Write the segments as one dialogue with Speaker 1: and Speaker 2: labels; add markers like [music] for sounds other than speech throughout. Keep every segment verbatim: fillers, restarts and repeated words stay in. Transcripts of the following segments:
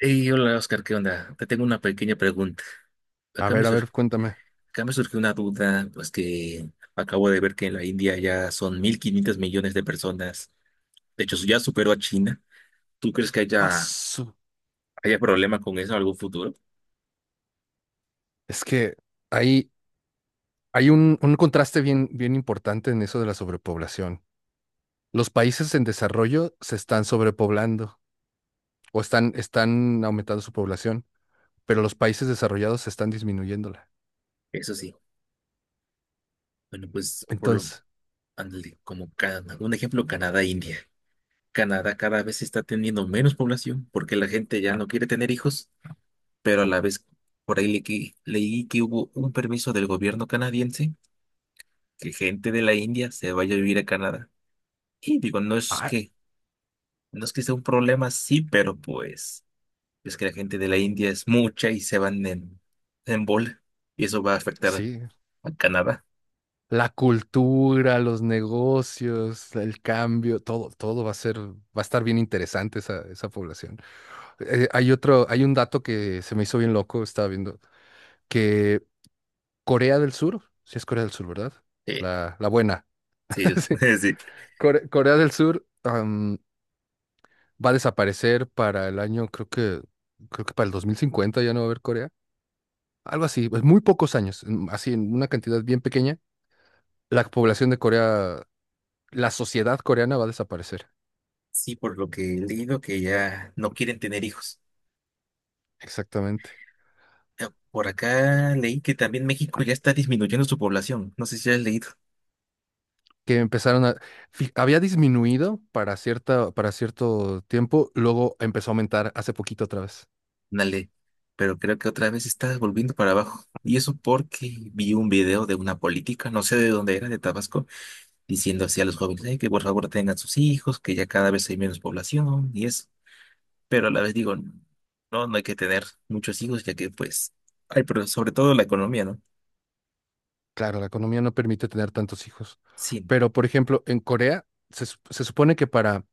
Speaker 1: Hey, hola Oscar, ¿qué onda? Te tengo una pequeña pregunta.
Speaker 2: A
Speaker 1: Acá me,
Speaker 2: ver, a
Speaker 1: sur-
Speaker 2: ver, cuéntame.
Speaker 1: Acá me surgió una duda, pues que acabo de ver que en la India ya son mil quinientos millones de personas. De hecho, ya superó a China. ¿Tú crees que
Speaker 2: Ah,
Speaker 1: haya,
Speaker 2: su-
Speaker 1: haya problema con eso en algún futuro?
Speaker 2: Es que hay, hay un, un contraste bien, bien importante en eso de la sobrepoblación. Los países en desarrollo se están sobrepoblando o están, están aumentando su población, pero los países desarrollados se están disminuyéndola.
Speaker 1: Eso sí. Bueno, pues por lo,
Speaker 2: Entonces,
Speaker 1: ándale, como Can- un ejemplo, Canadá, India. Canadá cada vez está teniendo menos población porque la gente ya no quiere tener hijos, pero a la vez por ahí le- leí que hubo un permiso del gobierno canadiense que gente de la India se vaya a vivir a Canadá. Y digo, no es
Speaker 2: ah,
Speaker 1: que, no es que sea un problema, sí, pero pues es que la gente de la India es mucha y se van en, en bola. Y eso va a afectar
Speaker 2: sí,
Speaker 1: a Canadá.
Speaker 2: la cultura, los negocios, el cambio, todo, todo va a ser, va a estar bien interesante esa, esa población. Eh, hay otro, hay un dato que se me hizo bien loco, estaba viendo, que Corea del Sur, sí es Corea del Sur, ¿verdad?
Speaker 1: Sí,
Speaker 2: La, la buena.
Speaker 1: sí,
Speaker 2: [laughs] Sí.
Speaker 1: [laughs] sí.
Speaker 2: Core- Corea del Sur am, va a desaparecer para el año, creo que, creo que para el dos mil cincuenta ya no va a haber Corea. Algo así, pues muy pocos años, en- así en una cantidad bien pequeña. La población de Corea, la sociedad coreana va a desaparecer.
Speaker 1: Sí, por lo que he leído que ya no quieren tener hijos.
Speaker 2: Exactamente.
Speaker 1: Eh, Por acá leí que también México ya está disminuyendo su población. No sé si ya has leído
Speaker 2: Que empezaron a... fi- Había disminuido para cierta, para cierto tiempo, luego empezó a aumentar hace poquito otra vez.
Speaker 1: una ley, pero creo que otra vez está volviendo para abajo. Y eso porque vi un video de una política, no sé de dónde era, de Tabasco diciendo así a los jóvenes: "Ay, que por favor tengan sus hijos, que ya cada vez hay menos población y eso". Pero a la vez digo, no, no hay que tener muchos hijos, ya que pues, ay, pero sobre todo la economía, ¿no?
Speaker 2: Claro, la economía no permite tener tantos hijos.
Speaker 1: Sí,
Speaker 2: Pero, por ejemplo, en Corea se, sup- se supone que para,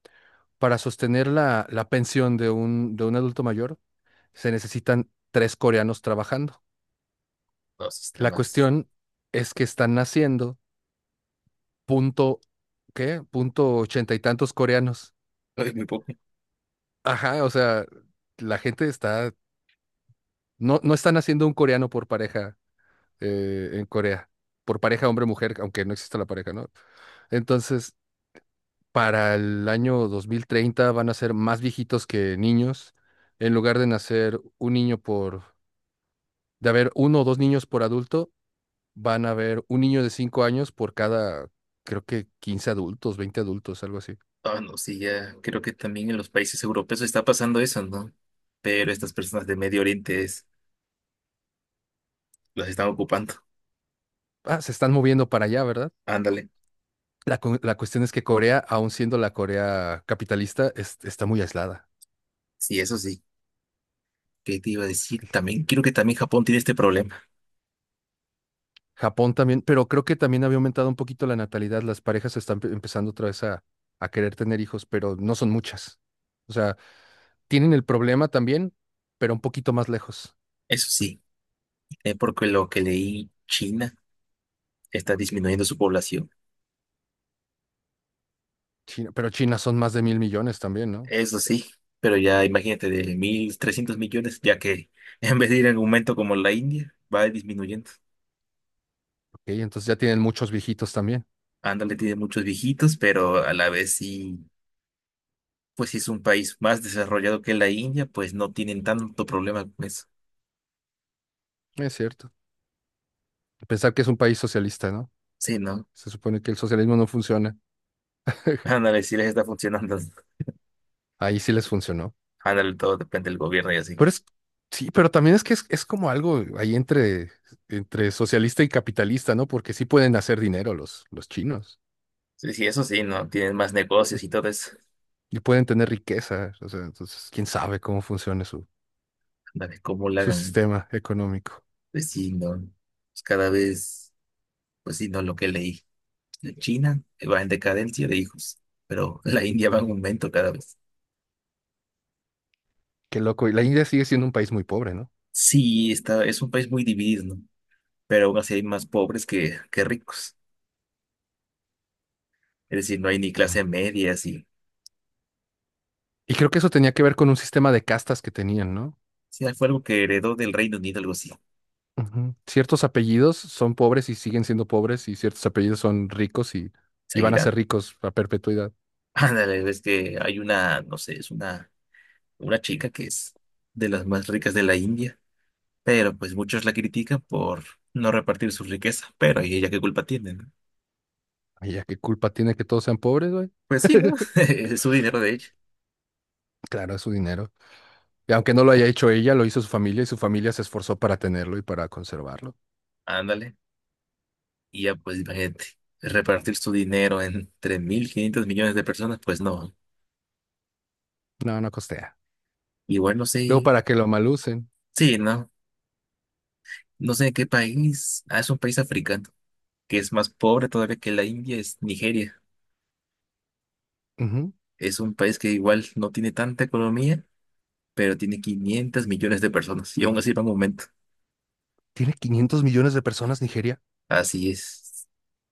Speaker 2: para sostener la, la pensión de un, de un adulto mayor se necesitan tres coreanos trabajando.
Speaker 1: no, sí está
Speaker 2: La
Speaker 1: más.
Speaker 2: cuestión es que están naciendo punto, ¿qué? Punto ochenta y tantos coreanos.
Speaker 1: [laughs] Ay, muy poco.
Speaker 2: Ajá, o sea, la gente está, no, no están haciendo un coreano por pareja eh, en Corea, por pareja hombre-mujer, aunque no exista la pareja, ¿no? Entonces, para el año dos mil treinta van a ser más viejitos que niños. En lugar de nacer un niño por, de haber uno o dos niños por adulto, van a haber un niño de cinco años por cada, creo que quince adultos, veinte adultos, algo así.
Speaker 1: Ah, no, sí, ya creo que también en los países europeos está pasando eso, ¿no? Pero estas personas de Medio Oriente es, las están ocupando.
Speaker 2: Ah, se están moviendo para allá, ¿verdad?
Speaker 1: Ándale,
Speaker 2: La, cu- la cuestión es que Corea, aun siendo la Corea capitalista, es- está muy aislada.
Speaker 1: sí, eso sí. ¿Qué te iba a decir? También creo que también Japón tiene este problema.
Speaker 2: Japón también, pero creo que también había aumentado un poquito la natalidad. Las parejas están pe- empezando otra vez a, a querer tener hijos, pero no son muchas. O sea, tienen el problema también, pero un poquito más lejos.
Speaker 1: Eso sí, es porque lo que leí, China está disminuyendo su población.
Speaker 2: China- pero China son más de mil millones también, ¿no?
Speaker 1: Eso sí, pero ya imagínate, de mil trescientos millones, ya que [laughs] en vez de ir en aumento como la India, va disminuyendo.
Speaker 2: Ok, entonces ya tienen muchos viejitos también.
Speaker 1: Ándale, tiene muchos viejitos, pero a la vez sí, pues sí, es un país más desarrollado que la India, pues no tienen tanto problema con eso.
Speaker 2: Es cierto. Pensar que es un país socialista, ¿no?
Speaker 1: Sí, ¿no?
Speaker 2: Se supone que el socialismo no funciona.
Speaker 1: [laughs] Ándale, sí les está funcionando.
Speaker 2: Ahí sí les funcionó.
Speaker 1: Ándale, todo depende del gobierno y así.
Speaker 2: Pero es, sí, pero también es que es, es como algo ahí entre, entre socialista y capitalista, ¿no? Porque sí pueden hacer dinero los, los chinos
Speaker 1: Sí, sí, eso sí, ¿no? Tienen más negocios y todo eso.
Speaker 2: y pueden tener riqueza. O sea, entonces, quién sabe cómo funciona su,
Speaker 1: Ándale, cómo lo
Speaker 2: su
Speaker 1: hagan.
Speaker 2: sistema económico.
Speaker 1: Pues sí, no. Pues cada vez, pues sí, no, lo que leí. China va en decadencia de hijos, pero [laughs] la India va en aumento cada vez.
Speaker 2: Qué loco. Y la India sigue siendo un país muy pobre, ¿no?
Speaker 1: Sí, está, es un país muy dividido, ¿no? Pero aún así hay más pobres que, que ricos. Es decir, no hay ni clase media, así.
Speaker 2: Y creo que eso tenía que ver con un sistema de castas que tenían, ¿no?
Speaker 1: Sí, fue algo que heredó del Reino Unido, algo así.
Speaker 2: Ujú. Ciertos apellidos son pobres y siguen siendo pobres, y ciertos apellidos son ricos y, y van a
Speaker 1: Seguirá.
Speaker 2: ser ricos a perpetuidad.
Speaker 1: [laughs] Ándale, ves que hay una, no sé, es una, una chica que es de las más ricas de la India, pero pues muchos la critican por no repartir su riqueza, pero ¿y ella qué culpa tiene, no?
Speaker 2: Ay, ya qué culpa tiene que todos sean pobres, güey.
Speaker 1: Pues sí, ¿no? [laughs]
Speaker 2: [laughs]
Speaker 1: Es su dinero de ella.
Speaker 2: Claro, es su dinero. Y aunque no lo haya hecho ella, lo hizo su familia y su familia se esforzó para tenerlo y para conservarlo.
Speaker 1: Ándale. Y ya, pues imagínate, repartir su dinero entre mil quinientos millones de personas, pues no.
Speaker 2: No, no costea.
Speaker 1: Igual no
Speaker 2: Luego,
Speaker 1: sé,
Speaker 2: para que lo malucen.
Speaker 1: sí, no, no sé qué país. Ah, es un país africano, que es más pobre todavía que la India, es Nigeria.
Speaker 2: Ujú.
Speaker 1: Es un país que igual no tiene tanta economía, pero tiene quinientos millones de personas. Y aún así va en aumento.
Speaker 2: Tiene quinientos millones de personas Nigeria.
Speaker 1: Así es.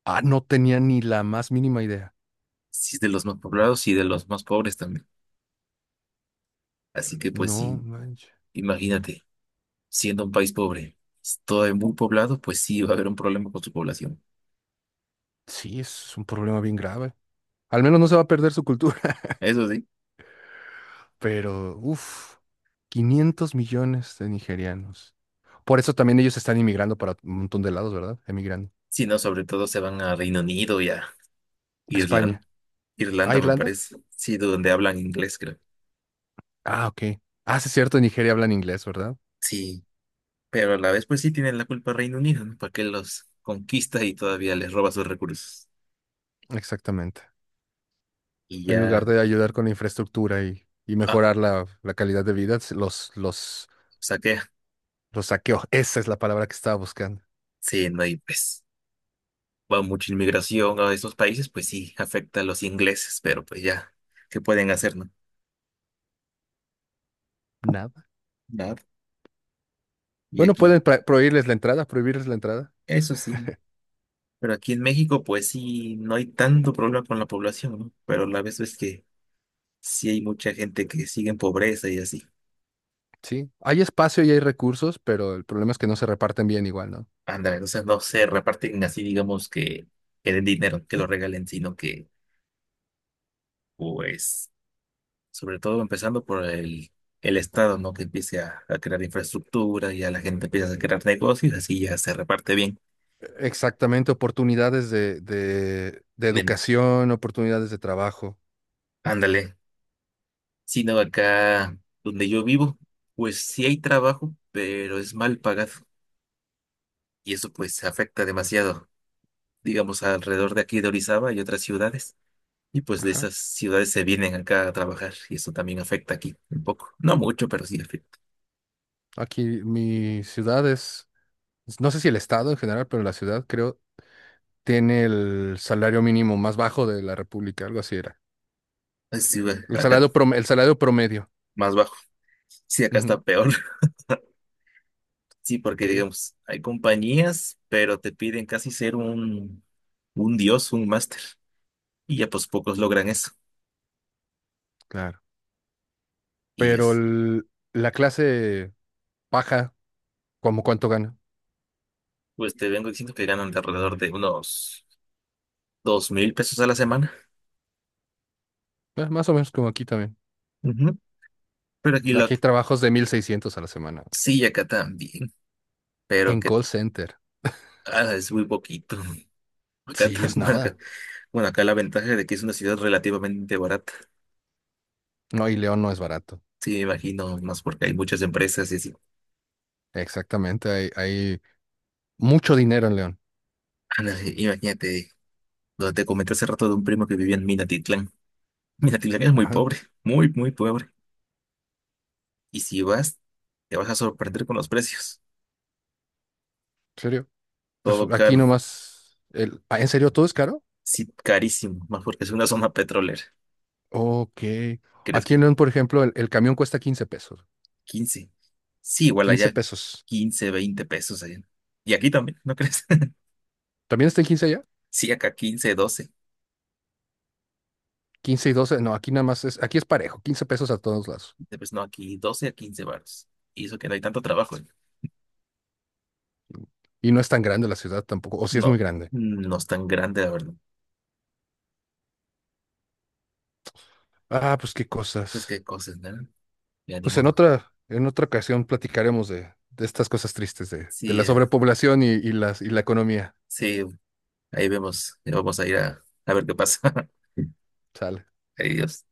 Speaker 2: Ah, no tenía ni la más mínima idea.
Speaker 1: Sí, es de los más poblados y de los más pobres también. Así que pues
Speaker 2: No,
Speaker 1: sí,
Speaker 2: manches.
Speaker 1: imagínate, siendo un país pobre, todo muy poblado, pues sí va a haber un problema con su población.
Speaker 2: Sí, es un problema bien grave. Al menos no se va a perder su cultura,
Speaker 1: Eso sí.
Speaker 2: [laughs] pero uff, quinientos millones de nigerianos. Por eso también ellos están inmigrando para un montón de lados, ¿verdad? Emigrando.
Speaker 1: Sí, no, sobre todo se van a Reino Unido y a Irlanda.
Speaker 2: España. ¿Ah,
Speaker 1: Irlanda me
Speaker 2: Irlanda?
Speaker 1: parece, sí, donde hablan inglés, creo.
Speaker 2: Ah, ok. Ah, sí, es cierto, en Nigeria hablan inglés, ¿verdad?
Speaker 1: Sí, pero a la vez pues sí tienen la culpa Reino Unido, ¿no? Porque los conquista y todavía les roba sus recursos.
Speaker 2: Exactamente.
Speaker 1: Y
Speaker 2: En lugar
Speaker 1: ya,
Speaker 2: de ayudar con la infraestructura y, y
Speaker 1: ah,
Speaker 2: mejorar la, la calidad de vida, se- los, los,
Speaker 1: saquea.
Speaker 2: los saqueó. Esa es la palabra que estaba buscando.
Speaker 1: Sí, no, y pues va mucha inmigración a esos países, pues sí, afecta a los ingleses, pero pues ya, ¿qué pueden hacer, no? Nada. Y
Speaker 2: Bueno,
Speaker 1: aquí,
Speaker 2: pueden pra- prohibirles la entrada, prohibirles la entrada.
Speaker 1: eso sí, ¿no? Pero aquí en México pues sí, no hay tanto problema con la población, ¿no? Pero a la vez es que sí hay mucha gente que sigue en pobreza y así.
Speaker 2: Sí, hay espacio y hay recursos, pero el problema es que no se reparten bien igual, ¿no?
Speaker 1: Ándale, o sea, no se reparten así, digamos, que, que den dinero, que lo regalen, sino que, pues, sobre todo empezando por el, el Estado, ¿no? Que empiece a, a crear infraestructura y a la gente empieza a crear negocios, así ya se reparte bien.
Speaker 2: Exactamente, oportunidades de, de, de
Speaker 1: de-
Speaker 2: educación, oportunidades de trabajo.
Speaker 1: Ándale. Sino acá donde yo vivo, pues sí hay trabajo, pero es mal pagado. Y eso, pues, afecta demasiado. Digamos, alrededor de aquí de Orizaba y otras ciudades. Y pues de
Speaker 2: Ajá.
Speaker 1: esas ciudades se vienen acá a trabajar y eso también afecta aquí un poco. No mucho, pero sí afecta.
Speaker 2: Aquí mi ciudad es, no sé si el estado en general, pero la ciudad creo tiene el salario mínimo más bajo de la República, algo así era.
Speaker 1: Así, ve,
Speaker 2: El
Speaker 1: acá
Speaker 2: salario prom- el salario promedio.
Speaker 1: más bajo. Sí, acá
Speaker 2: Ujú.
Speaker 1: está peor. [laughs] Sí, porque
Speaker 2: Ok,
Speaker 1: digamos, hay compañías, pero te piden casi ser un, un dios, un máster. Y ya pues pocos logran eso.
Speaker 2: claro.
Speaker 1: Y
Speaker 2: Pero
Speaker 1: es,
Speaker 2: el- la clase baja, ¿como cuánto gana?
Speaker 1: pues te vengo diciendo que ganan de alrededor de unos dos mil pesos a la semana.
Speaker 2: Eh, más o menos como aquí también.
Speaker 1: Ujú. Pero aquí la,
Speaker 2: Aquí hay trabajos de mil seiscientos a la semana.
Speaker 1: sí, acá también, pero
Speaker 2: En
Speaker 1: que
Speaker 2: call center.
Speaker 1: ah, es muy poquito. [laughs] Acá
Speaker 2: Sí, es
Speaker 1: también.
Speaker 2: nada.
Speaker 1: Bueno, acá la ventaja de que es una ciudad relativamente barata.
Speaker 2: No, y León no es barato.
Speaker 1: Sí, me imagino, más porque hay muchas empresas y así.
Speaker 2: Exactamente. Hay, hay mucho dinero en León.
Speaker 1: Ah, no, i- Imagínate, donde te comenté hace rato de un primo que vivía en Minatitlán. Minatitlán es muy
Speaker 2: Ajá, ¿en
Speaker 1: pobre, muy, muy pobre. Y si vas, te vas a sorprender con los precios.
Speaker 2: serio? Pues
Speaker 1: Todo
Speaker 2: aquí
Speaker 1: caro,
Speaker 2: nomás. El... ah, ¿en serio todo es caro?
Speaker 1: sí, carísimo, más porque es una zona petrolera.
Speaker 2: Ok.
Speaker 1: ¿Crees
Speaker 2: Aquí en
Speaker 1: que
Speaker 2: León, por ejemplo, el, el camión cuesta quince pesos.
Speaker 1: quince? Sí, igual
Speaker 2: Quince
Speaker 1: allá
Speaker 2: pesos.
Speaker 1: quince veinte pesos allá. Y aquí también, ¿no crees? [laughs]
Speaker 2: ¿También está en quince allá?
Speaker 1: Sí, acá quince doce.
Speaker 2: Quince y doce. No, aquí nada más es. Aquí es parejo, quince pesos a todos lados.
Speaker 1: Pues no, aquí doce a quince baros. Y eso que no hay tanto trabajo, ¿eh?
Speaker 2: Y no es tan grande la ciudad tampoco. O sí es muy
Speaker 1: No,
Speaker 2: grande.
Speaker 1: no es tan grande, la verdad.
Speaker 2: Ah, pues qué
Speaker 1: Pues
Speaker 2: cosas.
Speaker 1: qué cosas, ¿no? Ya ni
Speaker 2: Pues en
Speaker 1: modo.
Speaker 2: otra, en otra ocasión platicaremos de, de estas cosas tristes, de, de
Speaker 1: Sí,
Speaker 2: la
Speaker 1: eh,
Speaker 2: sobrepoblación y, y las, y la economía.
Speaker 1: sí, ahí vemos. Ya vamos a ir a, a ver qué pasa. [laughs]
Speaker 2: Sale.
Speaker 1: Adiós.